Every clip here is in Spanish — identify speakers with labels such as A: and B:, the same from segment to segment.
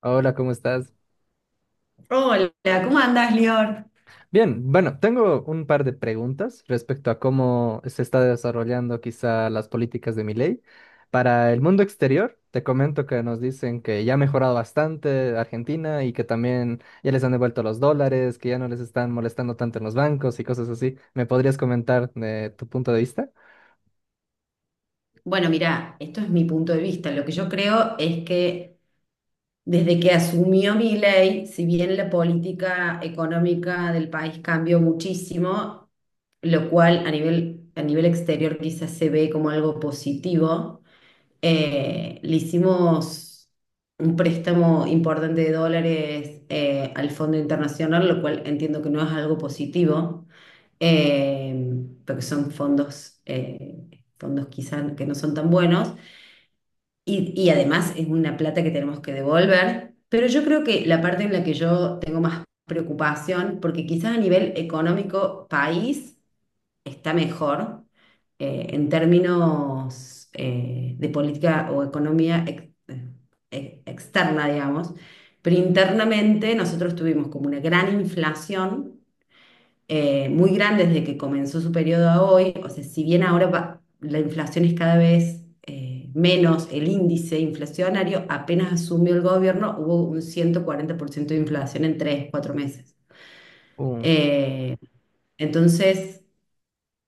A: Hola, ¿cómo estás?
B: Hola, ¿cómo andás, Lior?
A: Bien, bueno, tengo un par de preguntas respecto a cómo se está desarrollando quizá las políticas de mi ley. Para el mundo exterior, te comento que nos dicen que ya ha mejorado bastante Argentina y que también ya les han devuelto los dólares, que ya no les están molestando tanto en los bancos y cosas así. ¿Me podrías comentar de tu punto de vista?
B: Bueno, mira, esto es mi punto de vista. Lo que yo creo es que desde que asumió Milei, si bien la política económica del país cambió muchísimo, lo cual a nivel exterior quizás se ve como algo positivo, le hicimos un préstamo importante de dólares al Fondo Internacional, lo cual entiendo que no es algo positivo, eh, porque son fondos, fondos quizás que no son tan buenos. Y además es una plata que tenemos que devolver, pero yo creo que la parte en la que yo tengo más preocupación, porque quizás a nivel económico país está mejor en términos de política o economía externa, digamos, pero internamente nosotros tuvimos como una gran inflación muy grande desde que comenzó su periodo a hoy. O sea, si bien ahora la inflación es cada vez menos, el índice inflacionario, apenas asumió el gobierno, hubo un 140% de inflación en tres, cuatro meses.
A: Uh,
B: Eh, entonces,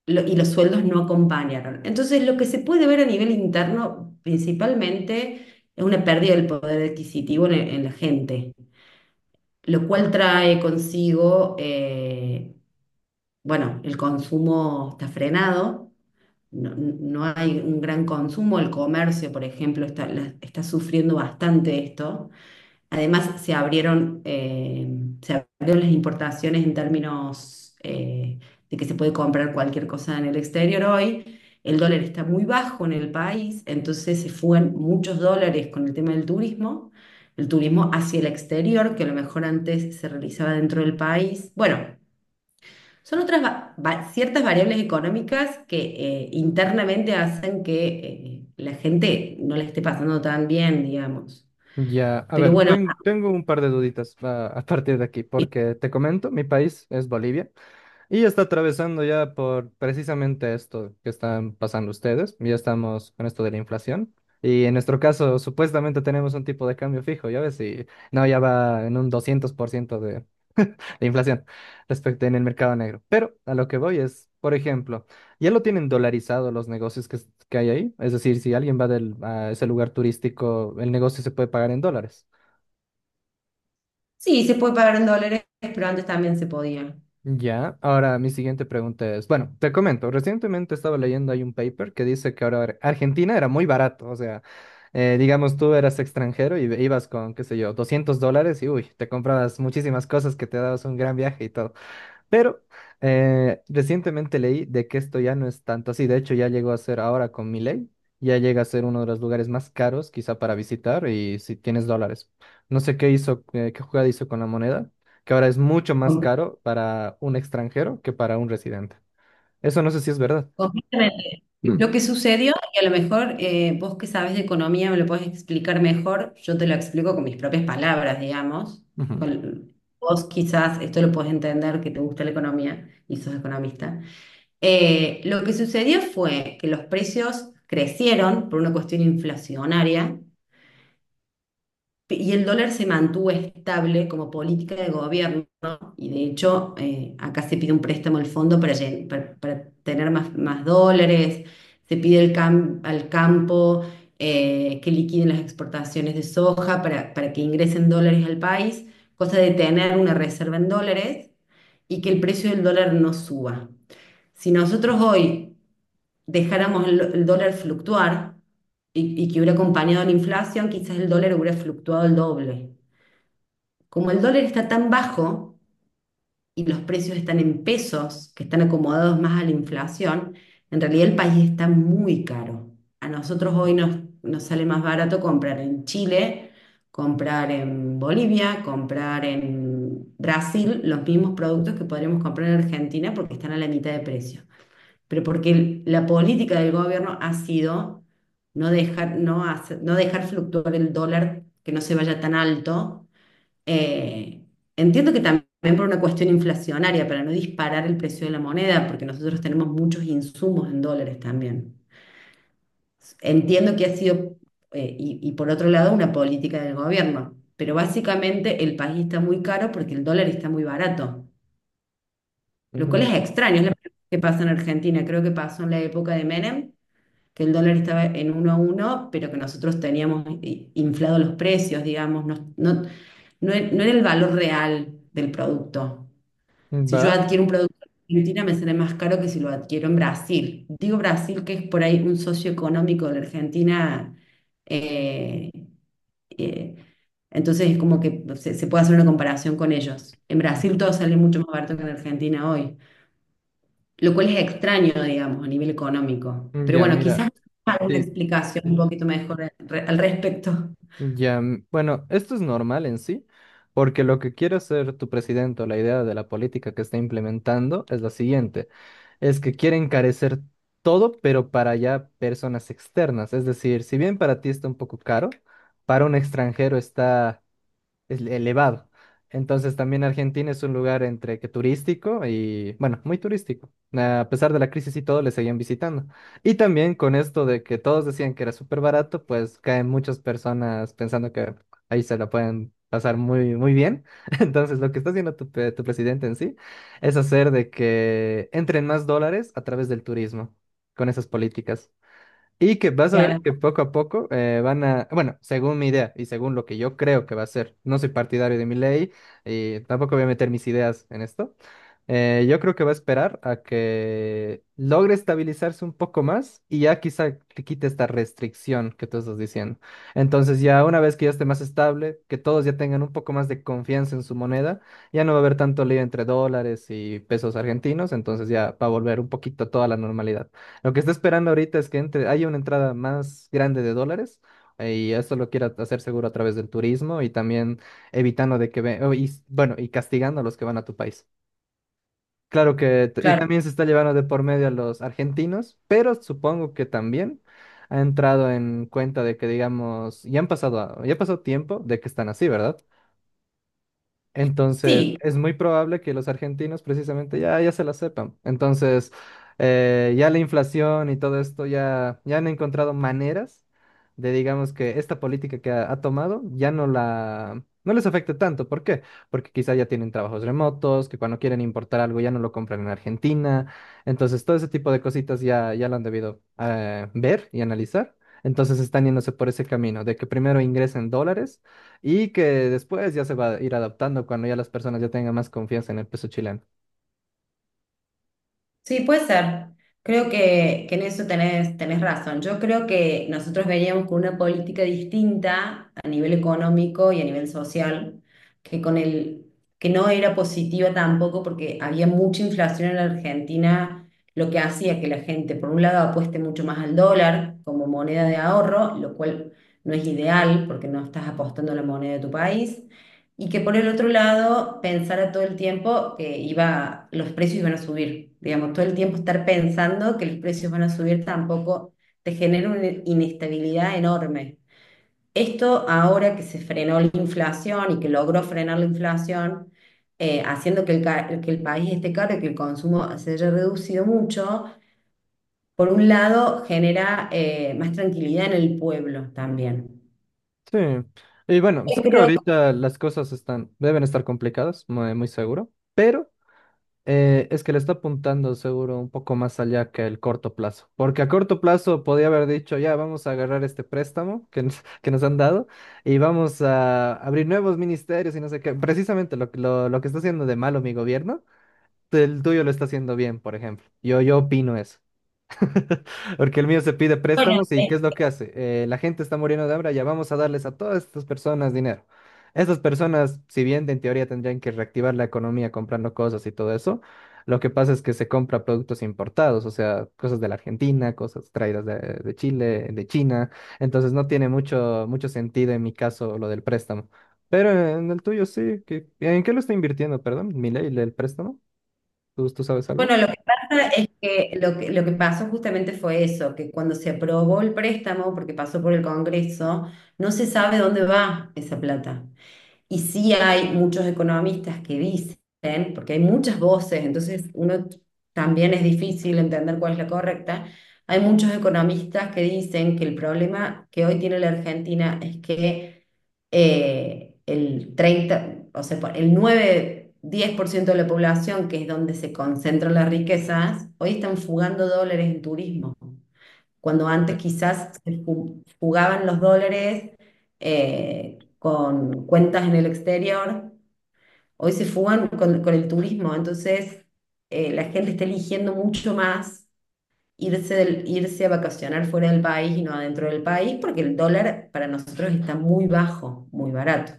B: y los sueldos no acompañaron. Entonces, lo que se puede ver a nivel interno principalmente es una pérdida del poder adquisitivo en la gente, lo cual trae consigo bueno, el consumo está frenado, no hay un gran consumo, el comercio, por ejemplo, está, está sufriendo bastante esto. Además, se se abrieron las importaciones en términos de que se puede comprar cualquier cosa en el exterior hoy. El dólar está muy bajo en el país, entonces se fugan muchos dólares con el tema del turismo. El turismo hacia el exterior, que a lo mejor antes se realizaba dentro del país. Bueno, son otras ciertas variables económicas que internamente hacen que la gente no le esté pasando tan bien, digamos.
A: ya, a
B: Pero
A: ver,
B: bueno,
A: tengo un par de duditas, a partir de aquí, porque te comento, mi país es Bolivia. Y está atravesando ya por precisamente esto que están pasando ustedes. Ya estamos con esto de la inflación. Y en nuestro caso, supuestamente tenemos un tipo de cambio fijo, ya ves, y no, ya va en un 200% de inflación respecto en el mercado negro. Pero a lo que voy es, por ejemplo, ya lo tienen dolarizado los negocios que, que hay ahí. Es decir, si alguien va a ese lugar turístico, el negocio se puede pagar en dólares.
B: sí, se puede pagar en dólares, pero antes también se podía.
A: Ya, ahora mi siguiente pregunta es, bueno, te comento, recientemente estaba leyendo hay un paper que dice que ahora Argentina era muy barato, o sea, digamos tú eras extranjero y ibas con, qué sé yo, $200 y uy, te comprabas muchísimas cosas que te dabas un gran viaje y todo. Pero recientemente leí de que esto ya no es tanto así. De hecho, ya llegó a ser ahora con Milei, ya llega a ser uno de los lugares más caros quizá para visitar y si tienes dólares. No sé qué hizo, qué jugada hizo con la moneda, que ahora es mucho más
B: Com-
A: caro para un extranjero que para un residente. Eso no sé si es verdad.
B: Completamente. Lo que sucedió, y a lo mejor vos que sabes de economía me lo podés explicar mejor, yo te lo explico con mis propias palabras, digamos.
A: Ujú.
B: Vos quizás esto lo podés entender, que te gusta la economía y sos economista. Lo que sucedió fue que los precios crecieron por una cuestión inflacionaria y el dólar se mantuvo estable como política de gobierno, ¿no? Y de hecho acá se pide un préstamo al fondo para, para tener más dólares, se pide el al campo que liquiden las exportaciones de soja para que ingresen dólares al país, cosa de tener una reserva en dólares y que el precio del dólar no suba. Si nosotros hoy dejáramos el dólar fluctuar y que hubiera acompañado la inflación, quizás el dólar hubiera fluctuado el doble. Como el dólar está tan bajo y los precios están en pesos, que están acomodados más a la inflación, en realidad el país está muy caro. A nosotros hoy nos sale más barato comprar en Chile, comprar en Bolivia, comprar en Brasil los mismos productos que podríamos comprar en Argentina porque están a la mitad de precio, pero porque la política del gobierno ha sido no dejar, no dejar fluctuar el dólar, que no se vaya tan alto. Eh, entiendo que también por una cuestión inflacionaria, para no disparar el precio de la moneda, porque nosotros tenemos muchos insumos en dólares también. Entiendo que ha sido, por otro lado, una política del gobierno, pero básicamente el país está muy caro porque el dólar está muy barato, lo cual es extraño, es lo que pasa en Argentina, creo que pasó en la época de Menem que el dólar estaba en uno a uno, pero que nosotros teníamos inflado los precios, digamos, no era el valor real del producto.
A: Mm.
B: Si yo
A: Va.
B: adquiero un producto en Argentina, me sale más caro que si lo adquiero en Brasil. Digo Brasil, que es por ahí un socio económico de la Argentina. eh, eh, entonces es como que se puede hacer una comparación con ellos. En
A: Mm,
B: Brasil todo sale mucho más barato que en Argentina hoy, lo cual es extraño, digamos, a nivel económico. Pero
A: ya,
B: bueno,
A: mira,
B: quizás alguna
A: te,
B: explicación un poquito mejor al respecto.
A: ya, bueno, esto es normal en sí, porque lo que quiere hacer tu presidente o la idea de la política que está implementando es la siguiente, es que quiere encarecer todo, pero para ya personas externas, es decir, si bien para ti está un poco caro, para un extranjero está es elevado. Entonces también Argentina es un lugar entre que turístico y, bueno, muy turístico. A pesar de la crisis y todo, le seguían visitando. Y también con esto de que todos decían que era súper barato, pues caen muchas personas pensando que ahí se la pueden pasar muy, muy bien. Entonces lo que está haciendo tu presidente en sí es hacer de que entren más dólares a través del turismo con esas políticas. Y que vas a ver
B: Claro,
A: que poco a poco van a, bueno, según mi idea y según lo que yo creo que va a ser, no soy partidario de mi ley y tampoco voy a meter mis ideas en esto, yo creo que va a esperar a que logre estabilizarse un poco más y ya quizá que quite esta restricción que tú estás diciendo. Entonces ya una vez que ya esté más estable, que todos ya tengan un poco más de confianza en su moneda, ya no va a haber tanto lío entre dólares y pesos argentinos, entonces ya va a volver un poquito toda la normalidad. Lo que está esperando ahorita es que entre, haya una entrada más grande de dólares. Y esto lo quiera hacer seguro a través del turismo y también evitando de que y, bueno, y castigando a los que van a tu país. Claro que, y
B: claro.
A: también se está llevando de por medio a los argentinos, pero supongo que también ha entrado en cuenta de que, digamos, ya ha pasado tiempo de que están así, ¿verdad? Entonces,
B: Sí,
A: es muy probable que los argentinos precisamente ya se la sepan. Entonces, ya la inflación y todo esto ya han encontrado maneras de, digamos, que esta política que ha tomado ya no les afecte tanto. ¿Por qué? Porque quizá ya tienen trabajos remotos, que cuando quieren importar algo ya no lo compran en Argentina. Entonces, todo ese tipo de cositas ya lo han debido ver y analizar. Entonces, están yéndose por ese camino de que primero ingresen dólares y que después ya se va a ir adaptando cuando ya las personas ya tengan más confianza en el peso chileno.
B: sí, puede ser. Creo que en eso tenés razón. Yo creo que nosotros veníamos con una política distinta a nivel económico y a nivel social, que con el, que no era positiva tampoco porque había mucha inflación en la Argentina, lo que hacía que la gente, por un lado, apueste mucho más al dólar como moneda de ahorro, lo cual no es ideal porque no estás apostando a la moneda de tu país. Y que por el otro lado pensara todo el tiempo que iba, los precios iban a subir. Digamos, todo el tiempo estar pensando que los precios van a subir tampoco te genera una inestabilidad enorme. Esto ahora que se frenó la inflación y que logró frenar la inflación, haciendo que que el país esté caro y que el consumo se haya reducido mucho, por un lado genera más tranquilidad en el pueblo también.
A: Sí. Y bueno, sé
B: Yo
A: que
B: creo que,
A: ahorita las cosas están, deben estar complicadas, muy, muy seguro, pero es que le está apuntando seguro un poco más allá que el corto plazo. Porque a corto plazo podía haber dicho, ya vamos a agarrar este préstamo que nos, que nos han dado y vamos a abrir nuevos ministerios y no sé qué. Precisamente lo que está haciendo de malo mi gobierno, el tuyo lo está haciendo bien, por ejemplo. Yo opino eso. Porque el mío se pide
B: bueno,
A: préstamos y ¿qué es lo que hace? La gente está muriendo de hambre, ya vamos a darles a todas estas personas dinero. Estas personas, si bien en teoría tendrían que reactivar la economía comprando cosas y todo eso, lo que pasa es que se compra productos importados, o sea, cosas de la Argentina, cosas traídas de Chile, de China. Entonces no tiene mucho, mucho sentido en mi caso lo del préstamo. Pero en el tuyo sí. ¿qué- ¿En qué lo está invirtiendo, perdón? ¿Milei, el préstamo? Tú sabes algo?
B: bueno, lo que pasa es que lo que pasó justamente fue eso, que cuando se aprobó el préstamo, porque pasó por el Congreso, no se sabe dónde va esa plata. Y sí hay muchos economistas que dicen, porque hay muchas voces, entonces uno también es difícil entender cuál es la correcta, hay muchos economistas que dicen que el problema que hoy tiene la Argentina es que el treinta, o sea, el nueve-diez por ciento de la población, que es donde se concentran las riquezas, hoy están fugando dólares en turismo, cuando antes quizás fugaban los dólares con cuentas en el exterior, hoy se fugan con el turismo, entonces la gente está eligiendo mucho más. Irse, irse a vacacionar fuera del país y no adentro del país, porque el dólar para nosotros está muy bajo, muy barato.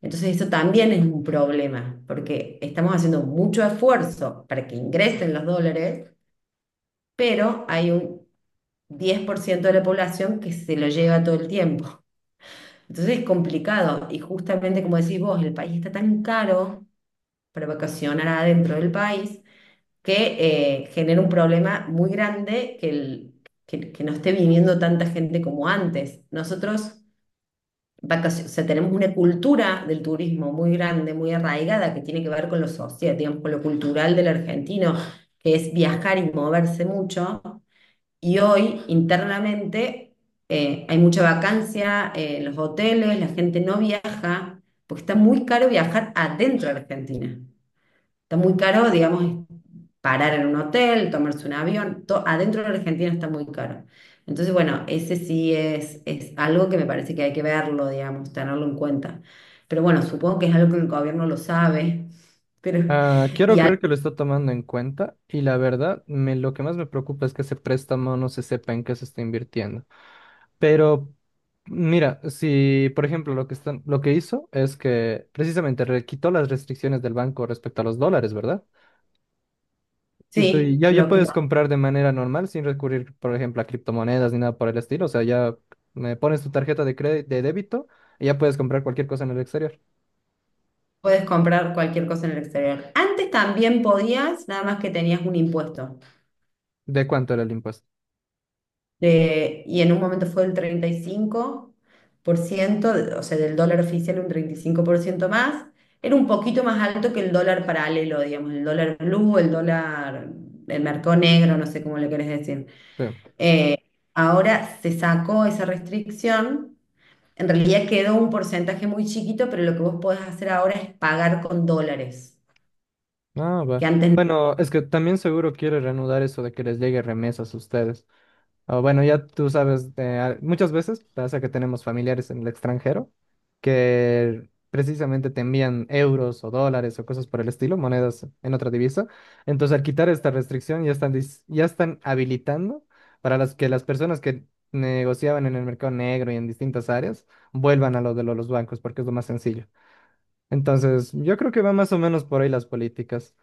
B: Entonces eso también es un problema, porque estamos haciendo mucho esfuerzo para que ingresen los dólares, pero hay un 10% de la población que se lo lleva todo el tiempo. Entonces es complicado y justamente como decís vos, el país está tan caro para vacacionar adentro del país que genera un problema muy grande que, que no esté viniendo tanta gente como antes. Nosotros o sea, tenemos una cultura del turismo muy grande, muy arraigada, que tiene que ver con lo social, digamos, con lo cultural del argentino, que es viajar y moverse mucho. Y hoy, internamente, hay mucha vacancia en los hoteles, la gente no viaja, porque está muy caro viajar adentro de Argentina. Está muy caro, digamos, parar en un hotel, tomarse un avión, adentro de la Argentina está muy caro. Entonces, bueno, ese sí es algo que me parece que hay que verlo, digamos, tenerlo en cuenta. Pero bueno, supongo que es algo que el gobierno lo sabe, pero
A: Ah, quiero
B: y al-
A: creer que lo está tomando en cuenta y la verdad, lo que más me preocupa es que ese préstamo no se sepa en qué se está invirtiendo. Pero mira, si por ejemplo lo que hizo es que precisamente quitó las restricciones del banco respecto a los dólares, ¿verdad? Y tú
B: sí,
A: ya
B: lo que
A: puedes
B: tampoco
A: comprar de manera normal sin recurrir, por ejemplo, a criptomonedas ni nada por el estilo. O sea, ya me pones tu tarjeta de crédito, de débito y ya puedes comprar cualquier cosa en el exterior.
B: puedes comprar cualquier cosa en el exterior. Antes también podías, nada más que tenías un impuesto.
A: ¿De cuánto era el impuesto?
B: Y en un momento fue el 35%, o sea, del dólar oficial un 35% más. Era un poquito más alto que el dólar paralelo, digamos, el dólar blue, el mercado negro, no sé cómo le querés decir.
A: Sí.
B: Eh, ahora se sacó esa restricción. En realidad quedó un porcentaje muy chiquito, pero lo que vos podés hacer ahora es pagar con dólares,
A: Ah, va.
B: que antes no
A: Bueno, es que también seguro quiere reanudar eso de que les llegue remesas a ustedes. Ah, bueno, ya tú sabes, muchas veces pasa que tenemos familiares en el extranjero que precisamente te envían euros o dólares o cosas por el estilo, monedas en otra divisa. Entonces, al quitar esta restricción, ya están habilitando para las que las personas que negociaban en el mercado negro y en distintas áreas vuelvan a los bancos, porque es lo más sencillo. Entonces, yo creo que va más o menos por ahí las políticas.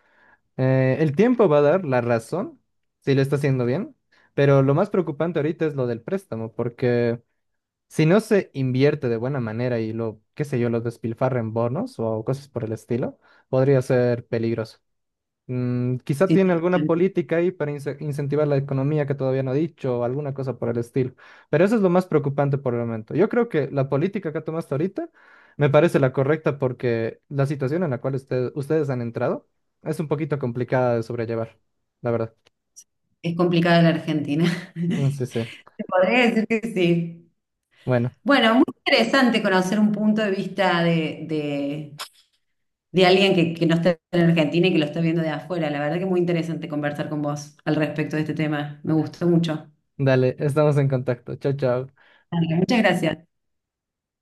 A: El tiempo va a dar la razón si lo está haciendo bien, pero lo más preocupante ahorita es lo del préstamo, porque si no se invierte de buena manera y lo, qué sé yo, lo despilfarra en bonos o cosas por el estilo, podría ser peligroso. Mm, quizá tiene
B: existía.
A: alguna política ahí para incentivar la economía que todavía no ha dicho o alguna cosa por el estilo. Pero eso es lo más preocupante por el momento. Yo creo que la política que ha tomado hasta ahorita me parece la correcta porque la situación en la cual ustedes han entrado es un poquito complicada de sobrellevar, la verdad.
B: Es complicado en la Argentina.
A: Mm. Sí, sí.
B: Te podría decir que sí.
A: Bueno,
B: Bueno, muy interesante conocer un punto de vista de alguien que no está en Argentina y que lo está viendo de afuera. La verdad que muy interesante conversar con vos al respecto de este tema. Me gustó mucho.
A: dale, estamos en contacto. Chao, chao.
B: Dale, muchas gracias.